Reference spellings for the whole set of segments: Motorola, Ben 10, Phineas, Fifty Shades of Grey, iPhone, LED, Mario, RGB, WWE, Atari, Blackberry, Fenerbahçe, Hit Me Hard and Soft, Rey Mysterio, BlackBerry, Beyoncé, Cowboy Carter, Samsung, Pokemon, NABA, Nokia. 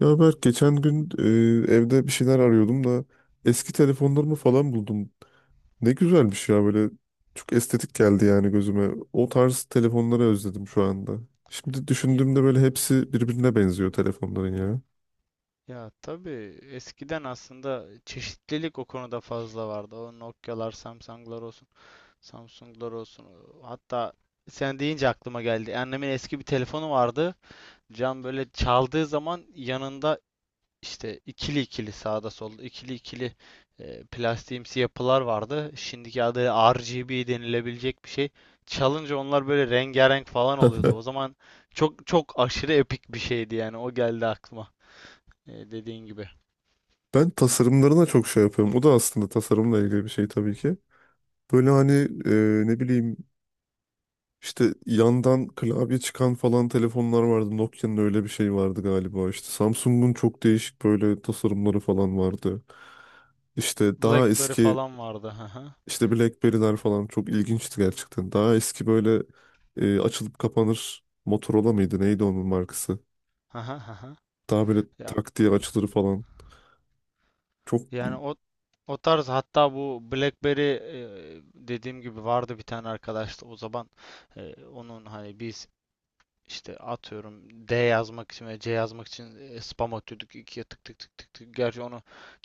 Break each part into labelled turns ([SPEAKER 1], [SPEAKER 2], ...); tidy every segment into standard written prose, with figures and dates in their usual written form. [SPEAKER 1] Ya Berk geçen gün evde bir şeyler arıyordum da eski telefonlarımı falan buldum. Ne güzelmiş ya, böyle çok estetik geldi yani gözüme. O tarz telefonları özledim şu anda. Şimdi
[SPEAKER 2] Ye-
[SPEAKER 1] düşündüğümde böyle hepsi birbirine benziyor telefonların ya.
[SPEAKER 2] Ya tabii, eskiden aslında çeşitlilik o konuda fazla vardı. O Nokia'lar, Samsung'lar olsun. Hatta sen deyince aklıma geldi. Annemin eski bir telefonu vardı. Cam böyle çaldığı zaman yanında işte ikili ikili, sağda solda ikili ikili, plastiğimsi yapılar vardı. Şimdiki adıyla RGB denilebilecek bir şey. Çalınca onlar böyle rengarenk falan oluyordu. O zaman çok çok aşırı epik bir şeydi yani. O geldi aklıma. Dediğin gibi.
[SPEAKER 1] Ben tasarımlarına çok şey yapıyorum. O da aslında tasarımla ilgili bir şey tabii ki. Böyle hani, ne bileyim, İşte yandan klavye çıkan falan telefonlar vardı. Nokia'nın öyle bir şey vardı galiba. İşte Samsung'un çok değişik böyle tasarımları falan vardı. İşte daha
[SPEAKER 2] Blackberry
[SPEAKER 1] eski,
[SPEAKER 2] falan vardı. Hı hı.
[SPEAKER 1] işte BlackBerry'ler falan çok ilginçti gerçekten. Daha eski böyle açılıp kapanır Motorola mıydı? Neydi onun markası?
[SPEAKER 2] Hı hı hı hı.
[SPEAKER 1] Daha böyle
[SPEAKER 2] Ya,
[SPEAKER 1] tak diye açılır falan. Çok
[SPEAKER 2] yani o tarz, hatta bu BlackBerry dediğim gibi vardı bir tane arkadaşta o zaman. Onun hani biz işte atıyorum D yazmak için ve C yazmak için spam atıyorduk ikiye, tık tık tık tık tık. Gerçi onu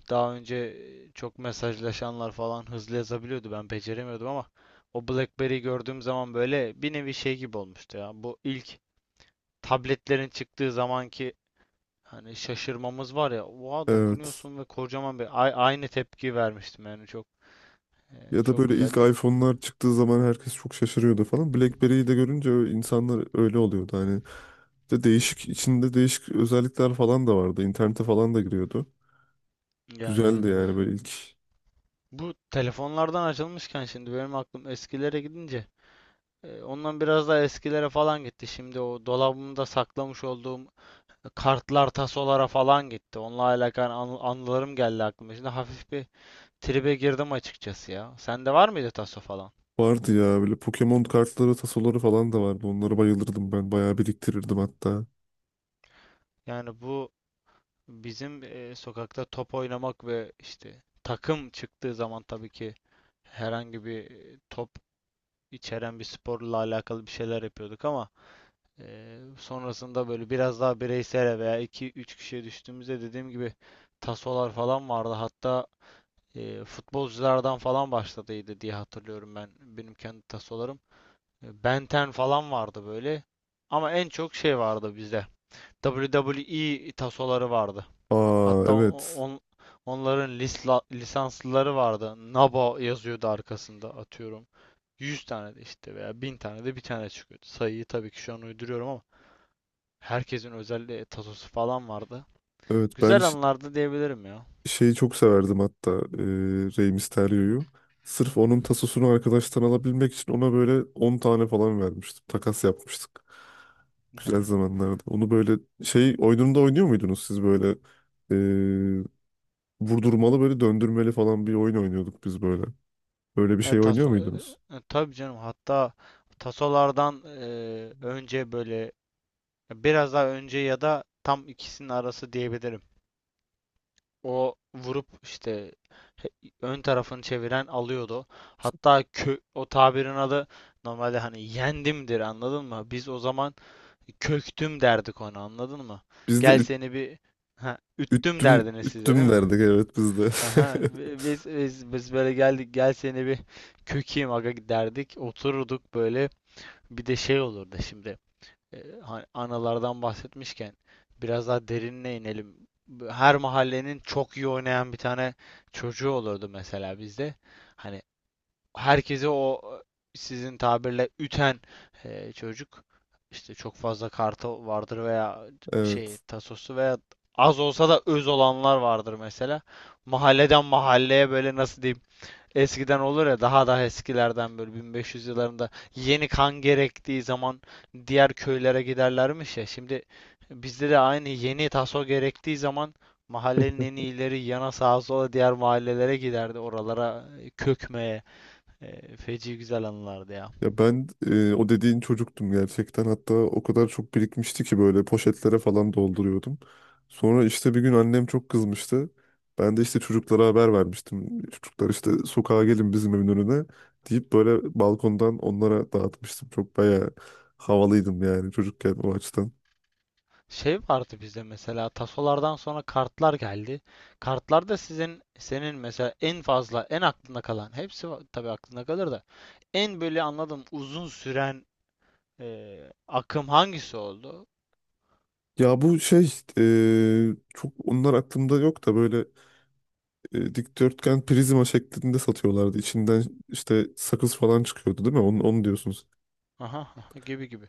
[SPEAKER 2] daha önce çok mesajlaşanlar falan hızlı yazabiliyordu, ben beceremiyordum ama o BlackBerry'yi gördüğüm zaman böyle bir nevi şey gibi olmuştu ya. Bu ilk tabletlerin çıktığı zamanki hani şaşırmamız var ya. Oha,
[SPEAKER 1] evet.
[SPEAKER 2] dokunuyorsun ve kocaman bir aynı tepki vermiştim yani. Çok
[SPEAKER 1] Ya da
[SPEAKER 2] çok
[SPEAKER 1] böyle ilk
[SPEAKER 2] güzeldi.
[SPEAKER 1] iPhone'lar çıktığı zaman herkes çok şaşırıyordu falan. BlackBerry'yi de görünce insanlar öyle oluyordu. Hani de değişik, içinde değişik özellikler falan da vardı. İnternete falan da giriyordu.
[SPEAKER 2] Yani, yani.
[SPEAKER 1] Güzeldi yani böyle ilk.
[SPEAKER 2] Bu telefonlardan açılmışken şimdi benim aklım eskilere gidince ondan biraz daha eskilere falan gitti. Şimdi o dolabımda saklamış olduğum kartlar, tasolara falan gitti. Onunla alakalı anılarım geldi aklıma. Şimdi hafif bir tribe girdim açıkçası ya. Sende var mıydı taso falan?
[SPEAKER 1] Vardı ya böyle Pokemon kartları, tasoları falan da vardı. Onlara bayılırdım ben. Bayağı biriktirirdim hatta.
[SPEAKER 2] Yani bizim sokakta top oynamak ve işte takım çıktığı zaman tabii ki herhangi bir top içeren bir sporla alakalı bir şeyler yapıyorduk ama sonrasında böyle biraz daha bireysel veya iki üç kişiye düştüğümüzde, dediğim gibi, tasolar falan vardı. Hatta futbolculardan falan başladıydı diye hatırlıyorum benim kendi tasolarım. Ben 10 falan vardı böyle. Ama en çok şey vardı bizde: WWE tasoları vardı.
[SPEAKER 1] Aa,
[SPEAKER 2] Hatta
[SPEAKER 1] evet.
[SPEAKER 2] on, onların lisanslıları vardı. NABA yazıyordu arkasında, atıyorum. 100 tane de işte, veya 1000 tane de bir tane çıkıyordu. Sayıyı tabii ki şu an uyduruyorum ama herkesin özel tasosu falan vardı.
[SPEAKER 1] Evet ben
[SPEAKER 2] Güzel
[SPEAKER 1] ş-
[SPEAKER 2] anlardı diyebilirim ya.
[SPEAKER 1] şeyi çok severdim hatta. Rey Mysterio'yu. Sırf
[SPEAKER 2] Hı
[SPEAKER 1] onun
[SPEAKER 2] hı.
[SPEAKER 1] tasosunu arkadaştan alabilmek için ona böyle 10 tane falan vermiştim. Takas yapmıştık. Güzel
[SPEAKER 2] Yani.
[SPEAKER 1] zamanlardı. Onu böyle şey oyununda oynuyor muydunuz siz, böyle vurdurmalı böyle döndürmeli falan bir oyun oynuyorduk biz böyle. Böyle bir
[SPEAKER 2] E,
[SPEAKER 1] şey oynuyor
[SPEAKER 2] taso,
[SPEAKER 1] muydunuz?
[SPEAKER 2] tabii canım, hatta tasolardan önce böyle, biraz daha önce ya da tam ikisinin arası diyebilirim. O vurup işte ön tarafını çeviren alıyordu. Hatta o tabirin adı normalde hani "yendimdir", anladın mı? Biz o zaman "köktüm" derdik ona, anladın mı?
[SPEAKER 1] Biz de
[SPEAKER 2] Gel
[SPEAKER 1] üt,
[SPEAKER 2] seni bir, ha, üttüm
[SPEAKER 1] üttüm
[SPEAKER 2] derdiniz siz de, değil
[SPEAKER 1] üttüm
[SPEAKER 2] mi?
[SPEAKER 1] derdik, evet, biz de.
[SPEAKER 2] Aha, biz böyle geldik, "gel seni bir kökeyim aga" derdik, otururduk böyle. Bir de şey olurdu şimdi. Hani analardan bahsetmişken biraz daha derinine inelim. Her mahallenin çok iyi oynayan bir tane çocuğu olurdu, mesela bizde. Hani herkesi o, sizin tabirle üten çocuk, işte çok fazla kartı vardır veya şey,
[SPEAKER 1] Evet.
[SPEAKER 2] tasosu, veya az olsa da öz olanlar vardır mesela. Mahalleden mahalleye, böyle nasıl diyeyim, eskiden olur ya daha daha eskilerden, böyle 1500 yıllarında, yeni kan gerektiği zaman diğer köylere giderlermiş ya. Şimdi bizde de aynı, yeni taso gerektiği zaman mahallenin en iyileri yana, sağa sola, diğer mahallelere giderdi. Oralara, kökmeye. Feci güzel anılardı ya.
[SPEAKER 1] Ya ben, o dediğin çocuktum gerçekten. Hatta o kadar çok birikmişti ki böyle poşetlere falan dolduruyordum. Sonra işte bir gün annem çok kızmıştı. Ben de işte çocuklara haber vermiştim. Çocuklar işte sokağa gelin bizim evin önüne deyip böyle balkondan onlara dağıtmıştım. Çok bayağı havalıydım yani çocukken o açıdan.
[SPEAKER 2] Şey vardı bizde, mesela tasolardan sonra kartlar geldi. Kartlarda senin mesela en fazla, en aklında kalan, hepsi tabii aklında kalır da en böyle anladım uzun süren, akım hangisi oldu?
[SPEAKER 1] Ya bu şey, çok onlar aklımda yok da böyle dikdörtgen prizma şeklinde satıyorlardı. İçinden işte sakız falan çıkıyordu değil mi? Onu diyorsunuz.
[SPEAKER 2] Aha, aha, gibi gibi.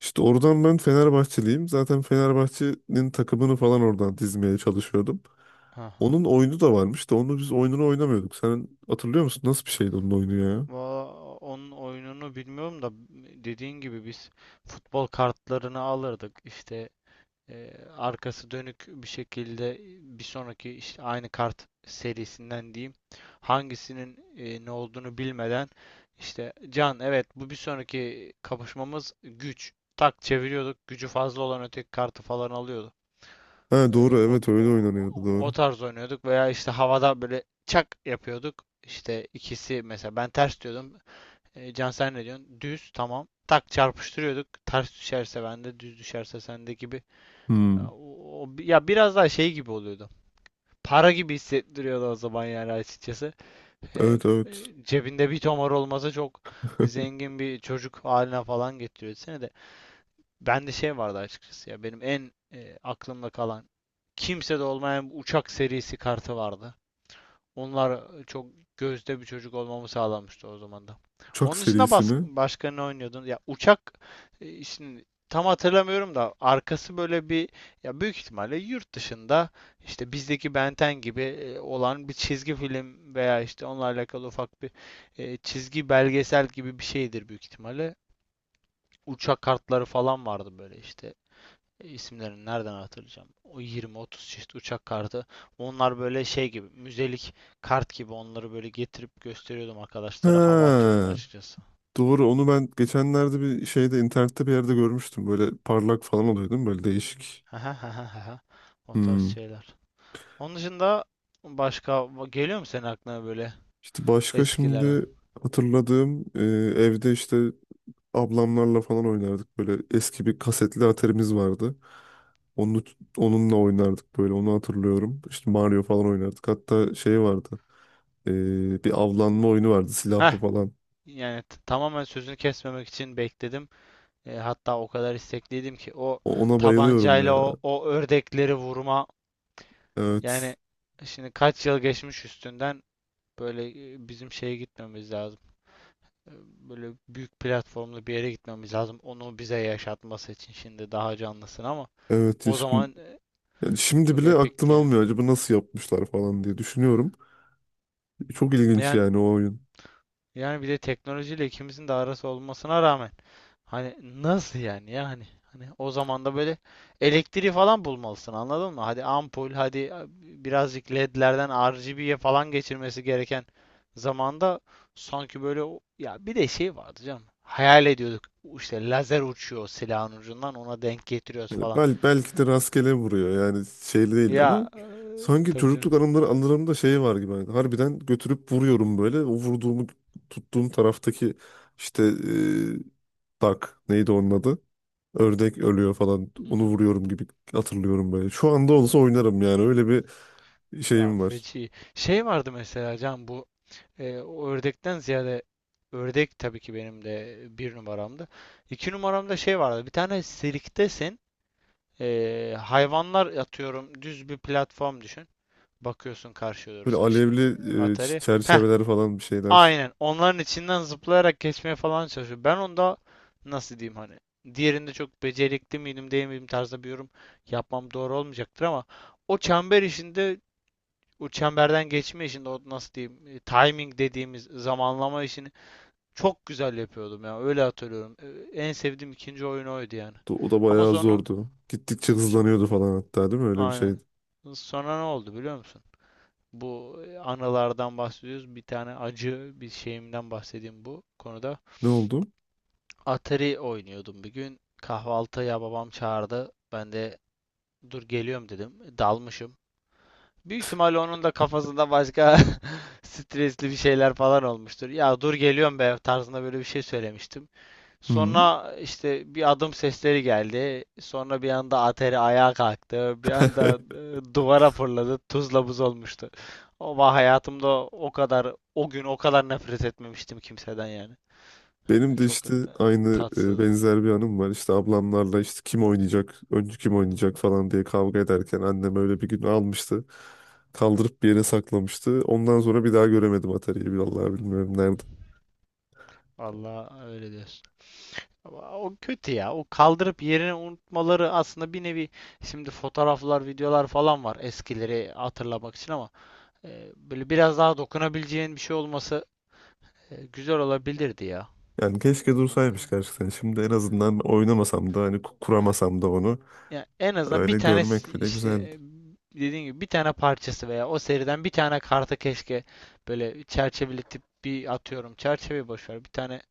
[SPEAKER 1] İşte oradan, ben Fenerbahçeliyim. Zaten Fenerbahçe'nin takımını falan oradan dizmeye çalışıyordum.
[SPEAKER 2] Aha.
[SPEAKER 1] Onun oyunu da varmış da onu biz oyununu oynamıyorduk. Sen hatırlıyor musun? Nasıl bir şeydi onun oyunu ya?
[SPEAKER 2] Valla onun oyununu bilmiyorum da, dediğin gibi biz futbol kartlarını alırdık. İşte arkası dönük bir şekilde, bir sonraki, işte aynı kart serisinden diyeyim, hangisinin ne olduğunu bilmeden, işte "Can, evet, bu bir sonraki kapışmamız, güç". Tak çeviriyorduk. Gücü fazla olan öteki kartı falan alıyorduk.
[SPEAKER 1] Ha
[SPEAKER 2] E,
[SPEAKER 1] doğru,
[SPEAKER 2] o,
[SPEAKER 1] evet, öyle
[SPEAKER 2] o,
[SPEAKER 1] oynanıyordu,
[SPEAKER 2] o
[SPEAKER 1] doğru.
[SPEAKER 2] tarz oynuyorduk, veya işte havada böyle çak yapıyorduk. İşte ikisi, mesela ben "ters" diyordum. "Can, sen ne diyorsun? Düz, tamam." Tak, çarpıştırıyorduk. Ters düşerse bende, düz düşerse sende gibi. Ya,
[SPEAKER 1] Hmm.
[SPEAKER 2] o, ya biraz daha şey gibi oluyordu. Para gibi hissettiriyordu o zaman yani, açıkçası.
[SPEAKER 1] Evet, evet.
[SPEAKER 2] Cebinde bir tomar olmasa çok zengin bir çocuk haline falan getiriyordu seni de. Bende şey vardı açıkçası ya. Benim en, aklımda kalan, kimsede olmayan bu uçak serisi kartı vardı. Onlar çok gözde bir çocuk olmamı sağlamıştı o zaman da.
[SPEAKER 1] Uçak
[SPEAKER 2] Onun dışında
[SPEAKER 1] serisi mi?
[SPEAKER 2] başka ne oynuyordun? Ya uçak, şimdi tam hatırlamıyorum da, arkası böyle bir, ya büyük ihtimalle yurt dışında işte bizdeki Ben 10 gibi olan bir çizgi film, veya işte onunla alakalı ufak bir, çizgi belgesel gibi bir şeydir büyük ihtimalle. Uçak kartları falan vardı böyle, işte isimlerini nereden hatırlayacağım? O yirmi, otuz çeşit uçak kartı. Onlar böyle şey gibi, müzelik kart gibi, onları böyle getirip gösteriyordum arkadaşlara, hava atıyordum
[SPEAKER 1] Ha.
[SPEAKER 2] açıkçası.
[SPEAKER 1] Doğru, onu ben geçenlerde bir şeyde, internette bir yerde görmüştüm. Böyle parlak falan oluyor değil mi? Böyle değişik.
[SPEAKER 2] O tarz
[SPEAKER 1] Hmm.
[SPEAKER 2] şeyler. Onun dışında başka geliyor mu senin aklına böyle
[SPEAKER 1] İşte başka
[SPEAKER 2] eskilerden?
[SPEAKER 1] şimdi hatırladığım, evde işte ablamlarla falan oynardık. Böyle eski bir kasetli atarimiz vardı. Onu, onunla oynardık böyle, onu hatırlıyorum. İşte Mario falan oynardık. Hatta şey vardı, bir avlanma oyunu vardı
[SPEAKER 2] Heh,
[SPEAKER 1] silahlı falan.
[SPEAKER 2] yani, tamamen sözünü kesmemek için bekledim. Hatta o kadar istekliydim ki, o
[SPEAKER 1] Ona bayılıyorum
[SPEAKER 2] tabancayla
[SPEAKER 1] ya.
[SPEAKER 2] o ördekleri vurma,
[SPEAKER 1] Evet.
[SPEAKER 2] yani şimdi kaç yıl geçmiş üstünden. Böyle, bizim şeye gitmemiz lazım. E, Böyle büyük platformlu bir yere gitmemiz lazım. Onu bize yaşatması için. Şimdi daha canlısın ama
[SPEAKER 1] Evet.
[SPEAKER 2] o
[SPEAKER 1] Şimdi,
[SPEAKER 2] zaman,
[SPEAKER 1] yani şimdi
[SPEAKER 2] çok
[SPEAKER 1] bile aklım
[SPEAKER 2] epikti yani.
[SPEAKER 1] almıyor, acaba nasıl yapmışlar falan diye düşünüyorum. Çok ilginç
[SPEAKER 2] Yani
[SPEAKER 1] yani o oyun.
[SPEAKER 2] Yani bir de teknolojiyle ikimizin de arası olmasına rağmen, hani nasıl yani, ya hani o zaman da böyle elektriği falan bulmalısın, anladın mı? Hadi ampul, hadi birazcık LED'lerden RGB'ye falan geçirmesi gereken zamanda, sanki böyle. Ya bir de şey vardı canım. Hayal ediyorduk işte lazer uçuyor silahın ucundan, ona denk getiriyoruz
[SPEAKER 1] Yani
[SPEAKER 2] falan.
[SPEAKER 1] bel, belki de rastgele vuruyor yani, şeyli değil, ama
[SPEAKER 2] Ya,
[SPEAKER 1] sanki
[SPEAKER 2] tabii canım.
[SPEAKER 1] çocukluk anılarımda şey var gibi. Yani harbiden götürüp vuruyorum böyle. O vurduğumu, tuttuğum taraftaki işte, tak, neydi onun adı? Ördek ölüyor falan.
[SPEAKER 2] Hı
[SPEAKER 1] Onu
[SPEAKER 2] hı.
[SPEAKER 1] vuruyorum gibi hatırlıyorum böyle. Şu anda olsa oynarım yani, öyle bir
[SPEAKER 2] Ya,
[SPEAKER 1] şeyim var.
[SPEAKER 2] feci. Şey vardı mesela, Can, o ördekten ziyade, ördek tabii ki benim de bir numaramdı. İki numaramda şey vardı. Bir tane sirktesin. Hayvanlar, atıyorum, düz bir platform düşün. Bakıyorsun karşıya doğru,
[SPEAKER 1] Böyle
[SPEAKER 2] sen
[SPEAKER 1] alevli,
[SPEAKER 2] şimdi Atari. Heh,
[SPEAKER 1] çerçeveler falan bir şeyler.
[SPEAKER 2] aynen. Onların içinden zıplayarak geçmeye falan çalışıyor. Ben onda nasıl diyeyim, hani diğerinde çok becerikli miydim değil miydim tarzda bir yorum yapmam doğru olmayacaktır ama o çember işinde, o çemberden geçme işinde, o nasıl diyeyim, timing dediğimiz zamanlama işinde çok güzel yapıyordum ya. Öyle hatırlıyorum. En sevdiğim ikinci oyun oydu yani.
[SPEAKER 1] O da
[SPEAKER 2] Ama
[SPEAKER 1] bayağı
[SPEAKER 2] sonra,
[SPEAKER 1] zordu. Gittikçe
[SPEAKER 2] so-
[SPEAKER 1] hızlanıyordu falan hatta değil mi? Öyle bir şeydi.
[SPEAKER 2] aynen. Sonra ne oldu biliyor musun? Bu, anılardan bahsediyoruz, bir tane acı bir şeyimden bahsedeyim bu konuda.
[SPEAKER 1] Ne oldu?
[SPEAKER 2] Atari oynuyordum bir gün. Kahvaltıya babam çağırdı. Ben de "dur geliyorum" dedim. Dalmışım. Büyük ihtimalle onun da kafasında başka stresli bir şeyler falan olmuştur. Ya "dur geliyorum be" tarzında böyle bir şey söylemiştim.
[SPEAKER 1] Hı.
[SPEAKER 2] Sonra işte bir adım sesleri geldi. Sonra bir anda Atari ayağa kalktı, bir anda duvara fırladı, tuzla buz olmuştu. Ama hayatımda o kadar, o gün, o kadar nefret etmemiştim kimseden yani.
[SPEAKER 1] Benim de
[SPEAKER 2] Çok
[SPEAKER 1] işte aynı,
[SPEAKER 2] tatsızdı.
[SPEAKER 1] benzer bir anım var. İşte ablamlarla işte kim oynayacak, önce kim oynayacak falan diye kavga ederken annem öyle bir gün almıştı. Kaldırıp bir yere saklamıştı. Ondan sonra bir daha göremedim Atari'yi. Vallahi bilmiyorum nerede.
[SPEAKER 2] Vallahi, öyle diyorsun. Ama o kötü ya. O kaldırıp yerini unutmaları aslında bir nevi, şimdi fotoğraflar, videolar falan var eskileri hatırlamak için ama böyle biraz daha dokunabileceğin bir şey olması güzel olabilirdi ya.
[SPEAKER 1] Yani keşke
[SPEAKER 2] Anladım.
[SPEAKER 1] dursaymış gerçekten. Şimdi en azından oynamasam da, hani
[SPEAKER 2] Ya,
[SPEAKER 1] kuramasam da, onu
[SPEAKER 2] ya en azından bir
[SPEAKER 1] öyle
[SPEAKER 2] tane,
[SPEAKER 1] görmek bile
[SPEAKER 2] işte
[SPEAKER 1] güzeldi.
[SPEAKER 2] dediğin gibi bir tane parçası veya o seriden bir tane kartı, keşke böyle çerçeveletip bir, atıyorum, çerçeve boş ver, bir tane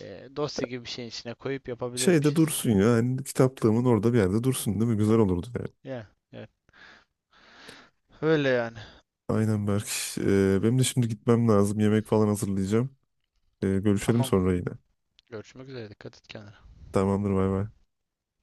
[SPEAKER 2] dosya gibi bir şeyin içine koyup
[SPEAKER 1] Şeyde
[SPEAKER 2] yapabilirmişiz yani.
[SPEAKER 1] dursun ya. Yani kitaplığımın orada bir yerde dursun, değil mi? Güzel olurdu yani.
[SPEAKER 2] Ya, evet. Öyle yani.
[SPEAKER 1] Aynen Berk. Benim de şimdi gitmem lazım. Yemek falan hazırlayacağım. Görüşelim
[SPEAKER 2] Tamam.
[SPEAKER 1] sonra yine.
[SPEAKER 2] Görüşmek üzere. Dikkat et kendine.
[SPEAKER 1] Tamamdır, bay bay.